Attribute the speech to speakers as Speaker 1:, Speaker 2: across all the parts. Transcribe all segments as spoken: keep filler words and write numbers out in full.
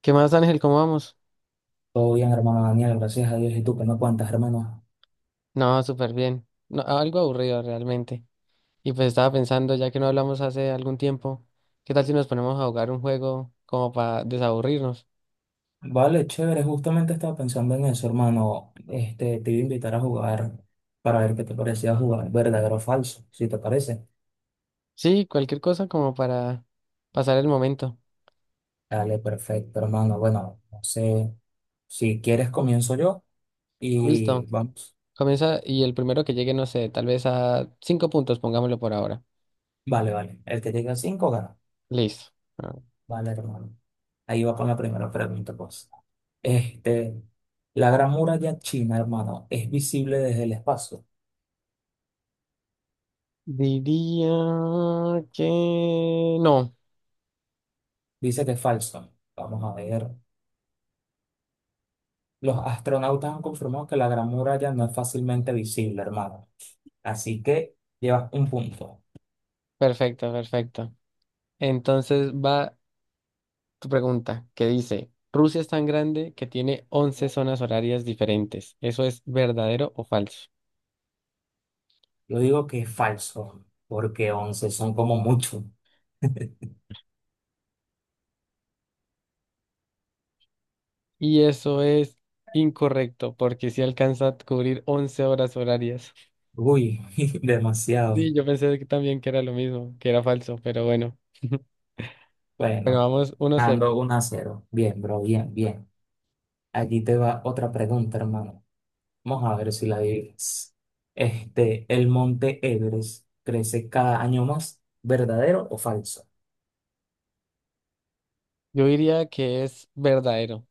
Speaker 1: ¿Qué más, Ángel? ¿Cómo vamos?
Speaker 2: Todo bien, hermano Daniel, gracias a Dios. ¿Y tú qué me cuentas, hermano?
Speaker 1: No, súper bien. No, algo aburrido realmente. Y pues estaba pensando, ya que no hablamos hace algún tiempo, ¿qué tal si nos ponemos a jugar un juego como para desaburrirnos?
Speaker 2: Vale, chévere, justamente estaba pensando en eso, hermano. Este, te iba a invitar a jugar para ver qué te parecía jugar, verdadero o falso, si te parece.
Speaker 1: Sí, cualquier cosa como para pasar el momento.
Speaker 2: Dale, perfecto, hermano. Bueno, no sé, si quieres comienzo yo y
Speaker 1: Listo.
Speaker 2: vamos.
Speaker 1: Comienza y el primero que llegue, no sé, tal vez a cinco puntos, pongámoslo por ahora.
Speaker 2: Vale, vale. El que llegue a cinco gana.
Speaker 1: Listo. Ah,
Speaker 2: Vale, hermano. Ahí va con la primera pregunta, pues. Este, la Gran Muralla China, hermano, es visible desde el espacio.
Speaker 1: diría que no.
Speaker 2: Dice que es falso. Vamos a ver. Los astronautas han confirmado que la Gran Muralla no es fácilmente visible, hermano. Así que llevas un punto.
Speaker 1: Perfecto, perfecto. Entonces va tu pregunta, que dice, Rusia es tan grande que tiene once zonas horarias diferentes. ¿Eso es verdadero o falso?
Speaker 2: Yo digo que es falso, porque once son como mucho.
Speaker 1: Y eso es incorrecto, porque si alcanza a cubrir once horas horarias.
Speaker 2: Uy, demasiado.
Speaker 1: Sí, yo pensé que también que era lo mismo, que era falso, pero bueno. Bueno,
Speaker 2: Bueno,
Speaker 1: vamos uno cero.
Speaker 2: ando uno a cero. Bien, bro, bien, bien. Aquí te va otra pregunta, hermano. Vamos a ver si la adivinas. Este, ¿el monte Everest crece cada año más? ¿Verdadero o falso?
Speaker 1: Yo diría que es verdadero.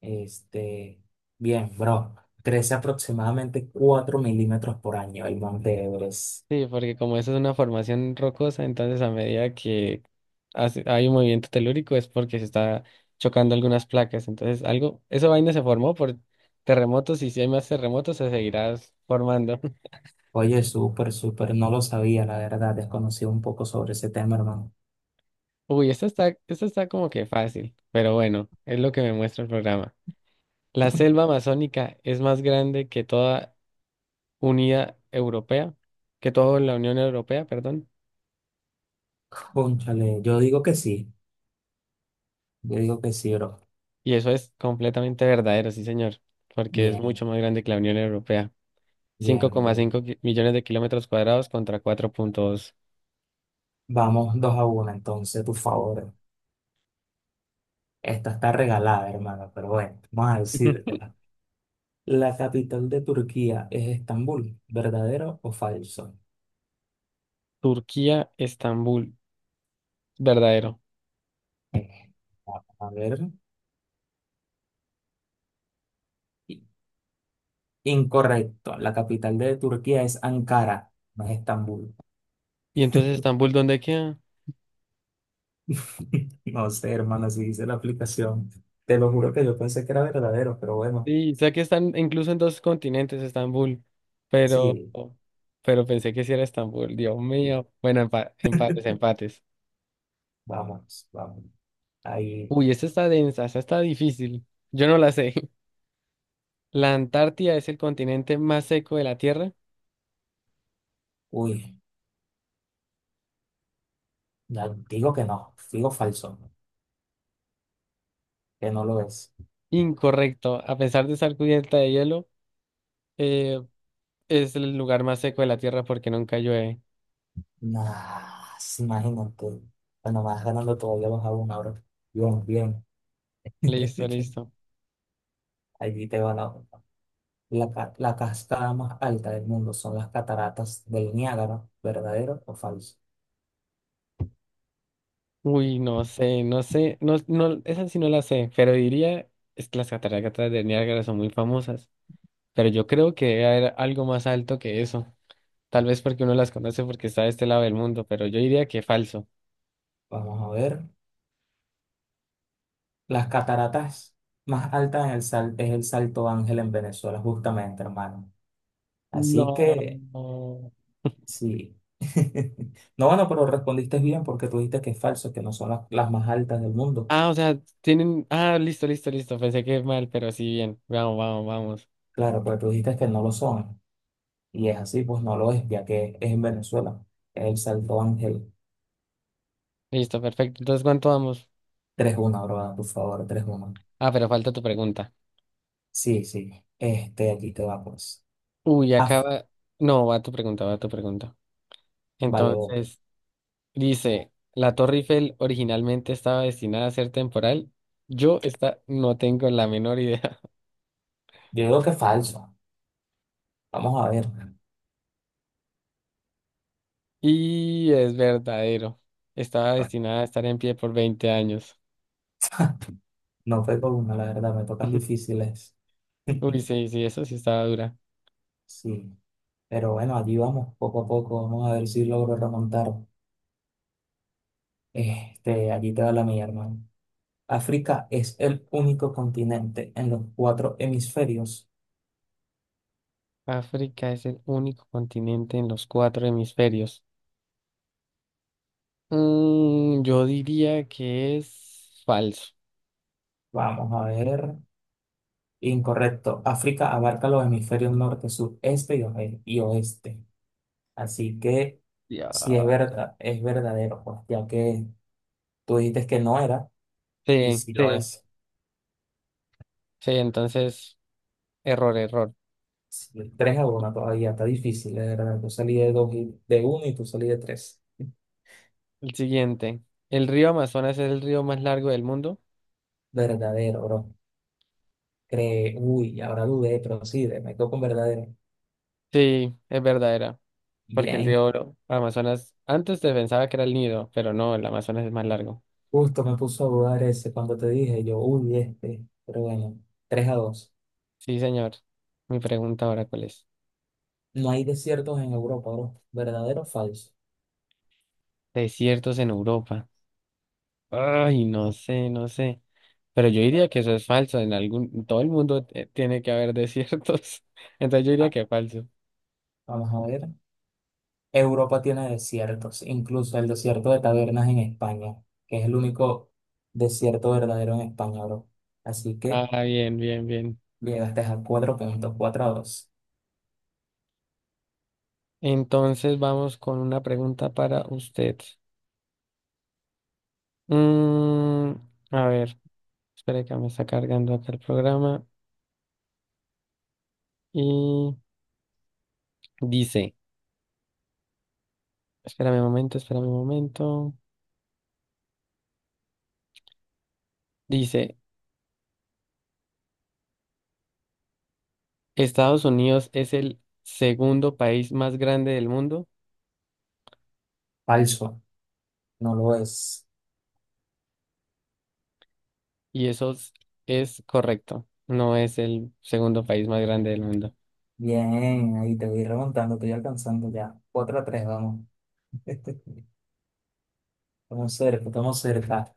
Speaker 2: Este, Bien, bro. Crece aproximadamente cuatro milímetros por año el Monte Everest.
Speaker 1: Sí, porque como eso es una formación rocosa, entonces a medida que hace- hay un movimiento telúrico es porque se está chocando algunas placas. Entonces algo, esa vaina se formó por terremotos y si hay más terremotos se seguirá formando.
Speaker 2: Oye, súper, súper, no lo sabía, la verdad, desconocía un poco sobre ese tema, hermano.
Speaker 1: Uy, esto está, esto está como que fácil, pero bueno, es lo que me muestra el programa. La selva amazónica es más grande que toda unidad europea, que toda la Unión Europea, perdón.
Speaker 2: Cónchale, yo digo que sí, yo digo que sí, bro.
Speaker 1: Y eso es completamente verdadero, sí, señor, porque es
Speaker 2: Bien,
Speaker 1: mucho más grande que la Unión Europea.
Speaker 2: bien, bien.
Speaker 1: cinco coma cinco ki- millones de kilómetros cuadrados contra cuatro punto dos.
Speaker 2: Vamos dos a uno, entonces, por favor. Esta está regalada, hermano, pero bueno, vamos a decírtela. La capital de Turquía es Estambul, ¿verdadero o falso?
Speaker 1: Turquía, Estambul, verdadero.
Speaker 2: Eh, a ver. Incorrecto. La capital de Turquía es Ankara, no es Estambul.
Speaker 1: ¿Y entonces Estambul dónde queda?
Speaker 2: No sé, hermano, si dice la aplicación. Te lo juro que yo pensé que era verdadero, pero bueno,
Speaker 1: Sí, sé que están incluso en dos continentes Estambul, pero,
Speaker 2: sí.
Speaker 1: pero pensé que sí era Estambul, Dios mío. Bueno, empa- empates, empates.
Speaker 2: Vamos, vamos. Ahí,
Speaker 1: Uy, esta está densa, esta está difícil. Yo no la sé. ¿La Antártida es el continente más seco de la Tierra?
Speaker 2: uy, ya digo que no, digo falso, que no lo es.
Speaker 1: Incorrecto. A pesar de estar cubierta de hielo, eh, es el lugar más seco de la Tierra porque nunca llueve.
Speaker 2: Nah, sí, imagínate. Bueno, vas ganando todavía vas a una ahora. Bien, bien.
Speaker 1: Listo, listo.
Speaker 2: Allí te va la otra. la, ca- la cascada más alta del mundo, son las cataratas del Niágara, ¿verdadero o falso?
Speaker 1: Uy, no sé, no sé, no, no, esa sí no la sé, pero diría, es que las cataratas de Niágara son muy famosas, pero yo creo que debe haber algo más alto que eso. Tal vez porque uno las conoce porque está de este lado del mundo, pero yo diría que falso.
Speaker 2: Vamos a ver. Las cataratas más altas en el sal- es el Salto Ángel en Venezuela, justamente, hermano.
Speaker 1: No,
Speaker 2: Así que,
Speaker 1: no.
Speaker 2: sí. No, bueno, pero respondiste bien porque tú dijiste que es falso, que no son las, las más altas del mundo.
Speaker 1: Ah, o sea, tienen, ah, listo, listo, listo, pensé que mal, pero sí, bien. Vamos, vamos, vamos.
Speaker 2: Claro, pero tú dijiste que no lo son. Y es así, pues no lo es, ya que es en Venezuela. Es el Salto Ángel.
Speaker 1: Listo, perfecto. Entonces, ¿cuánto vamos?
Speaker 2: tres uno, bro, a tu favor. tres uno.
Speaker 1: Ah, pero falta tu pregunta.
Speaker 2: Sí, sí. Este, aquí te va, pues.
Speaker 1: Uy,
Speaker 2: Ah,
Speaker 1: acaba. No, va tu pregunta, va tu pregunta.
Speaker 2: vale, yo
Speaker 1: Entonces, dice, la Torre Eiffel originalmente estaba destinada a ser temporal. Yo esta no tengo la menor idea.
Speaker 2: digo que es falso. Vamos a ver.
Speaker 1: Y es verdadero. Estaba destinada a estar en pie por veinte años.
Speaker 2: No fue con una, la verdad, me tocan difíciles.
Speaker 1: Uy, sí, sí, eso sí estaba dura.
Speaker 2: Sí, pero bueno, allí vamos, poco a poco, vamos a ver si logro remontar. Este, allí te va la mía, hermano. África es el único continente en los cuatro hemisferios.
Speaker 1: África es el único continente en los cuatro hemisferios. Mm, yo diría que es falso.
Speaker 2: Vamos a ver. Incorrecto. África abarca los hemisferios norte, sur, este y oe- y oeste. Así que
Speaker 1: Ya.
Speaker 2: sí es verdad, es verdadero, pues, ya que tú dijiste que no era y
Speaker 1: Sí,
Speaker 2: sí lo
Speaker 1: sí,
Speaker 2: es.
Speaker 1: sí, entonces, error, error.
Speaker 2: Sí, tres a uno todavía, está difícil, de verdad. Yo salí de dos y de uno y tú salí de tres.
Speaker 1: El siguiente. ¿El río Amazonas es el río más largo del mundo?
Speaker 2: Verdadero, bro. Cree, uy, ahora dudé, pero sí, de- me quedo con verdadero.
Speaker 1: Sí, es verdadera. Porque el
Speaker 2: Bien,
Speaker 1: río Oro- Amazonas, antes se pensaba que era el Nido, pero no, el Amazonas es más largo.
Speaker 2: justo me puso a dudar ese cuando te dije, yo, uy, este. Pero bueno, tres a dos.
Speaker 1: Sí, señor. Mi pregunta ahora, ¿cuál es?
Speaker 2: No hay desiertos en Europa, bro. ¿Verdadero o falso?
Speaker 1: Desiertos en Europa. Ay, no sé, no sé. Pero yo diría que eso es falso. En algún, en todo el mundo eh, tiene que haber desiertos. Entonces yo diría
Speaker 2: Ah,
Speaker 1: que es falso.
Speaker 2: vamos a ver. Europa tiene desiertos, incluso el desierto de Tabernas en España, que es el único desierto verdadero en España, bro. Así que
Speaker 1: Ah, bien, bien, bien.
Speaker 2: llegaste a cuatro puntos. Cuatro a dos.
Speaker 1: Entonces vamos con una pregunta para usted. Mm, a ver. Espera que me está cargando acá el programa y dice, espérame un momento, espérame un momento. Dice, Estados Unidos es el segundo país más grande del mundo
Speaker 2: Falso. No lo es.
Speaker 1: y eso es, es correcto. No es el segundo país más grande del mundo.
Speaker 2: Bien, ahí te voy remontando, te voy alcanzando ya. Cuatro a tres vamos. Estamos cerca, estamos cerca.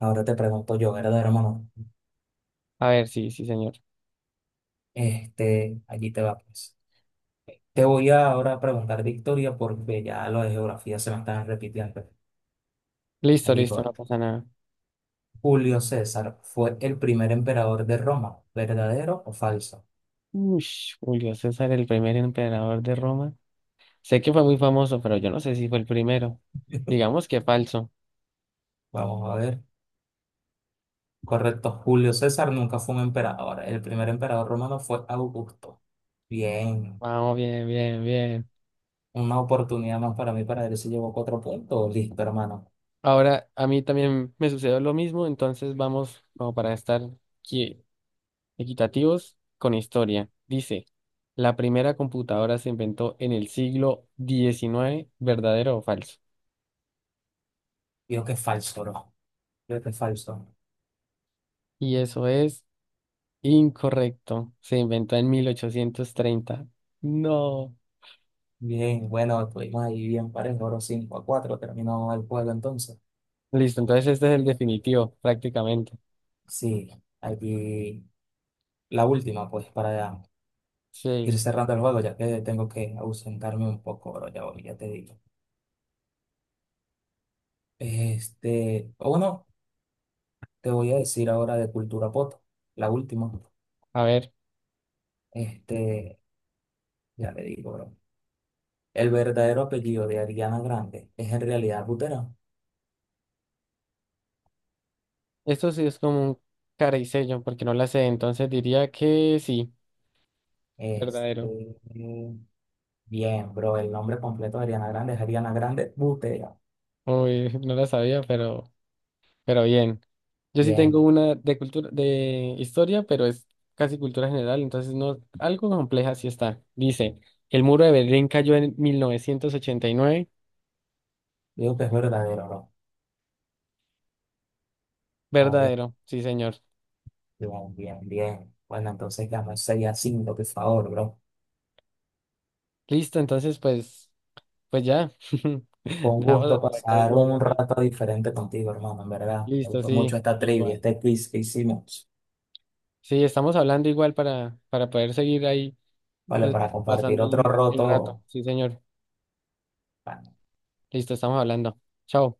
Speaker 2: Ahora te pregunto yo, ¿verdad, hermano?
Speaker 1: A ver, sí, sí, señor.
Speaker 2: Este, allí te va, pues. Te voy a ahora preguntar de historia porque ya lo de geografía se me están repitiendo.
Speaker 1: Listo,
Speaker 2: Allí
Speaker 1: listo,
Speaker 2: voy.
Speaker 1: no pasa nada.
Speaker 2: Julio César fue el primer emperador de Roma, ¿verdadero o falso?
Speaker 1: Ush, Julio César, el primer emperador de Roma. Sé que fue muy famoso, pero yo no sé si fue el primero. Digamos que falso.
Speaker 2: Vamos a ver. Correcto, Julio César nunca fue un emperador. El primer emperador romano fue Augusto. Bien,
Speaker 1: Vamos, bien, bien, bien.
Speaker 2: una oportunidad más para mí para ver si llevo cuatro puntos. Listo, hermano.
Speaker 1: Ahora, a mí también me sucedió lo mismo, entonces vamos como para estar qui- equitativos con historia. Dice, la primera computadora se inventó en el siglo diecinueve, ¿verdadero o falso?
Speaker 2: Creo que es falso, bro. Creo que es falso.
Speaker 1: Y eso es incorrecto, se inventó en mil ochocientos treinta. No.
Speaker 2: Bien, bueno, estuvimos ahí bien parejo. Oro cinco a cuatro. Terminó el juego entonces.
Speaker 1: Listo, entonces este es el definitivo, prácticamente.
Speaker 2: Sí, aquí la última, pues, para ir
Speaker 1: Sí,
Speaker 2: cerrando el juego, ya que tengo que ausentarme un poco, bro. Ya, voy, ya te digo. Este, o bueno, te voy a decir ahora de cultura pop, la última.
Speaker 1: a ver,
Speaker 2: Este, ya le digo, bro. El verdadero apellido de Ariana Grande es en realidad Butera.
Speaker 1: esto sí es como un cara y sello, porque no la sé, entonces diría que sí, verdadero.
Speaker 2: Este, Bien, bro. El nombre completo de Ariana Grande es Ariana Grande Butera.
Speaker 1: Uy, no la sabía, pero... Pero bien, yo sí tengo
Speaker 2: Bien.
Speaker 1: una de cultura, de historia, pero es casi cultura general, entonces no, algo compleja sí está. Dice, el muro de Berlín cayó en mil novecientos ochenta y nueve.
Speaker 2: Digo que es verdadero, bro. A ver,
Speaker 1: Verdadero, sí, señor.
Speaker 2: bien, bien, bien. Bueno, entonces ganó seis a cinco, por favor, bro.
Speaker 1: Listo, entonces pues, pues ya.
Speaker 2: Fue un
Speaker 1: Dejamos de
Speaker 2: gusto
Speaker 1: atracar el
Speaker 2: pasar
Speaker 1: juego
Speaker 2: un
Speaker 1: así.
Speaker 2: rato diferente contigo, hermano, en verdad. Me
Speaker 1: Listo,
Speaker 2: gustó mucho
Speaker 1: sí,
Speaker 2: esta trivia,
Speaker 1: igual.
Speaker 2: este quiz que hicimos.
Speaker 1: Sí, estamos hablando igual para, para poder seguir ahí
Speaker 2: Vale,
Speaker 1: des-
Speaker 2: para compartir
Speaker 1: pasando
Speaker 2: otro
Speaker 1: el el
Speaker 2: roto.
Speaker 1: rato. Sí, señor. Listo, estamos hablando. Chao.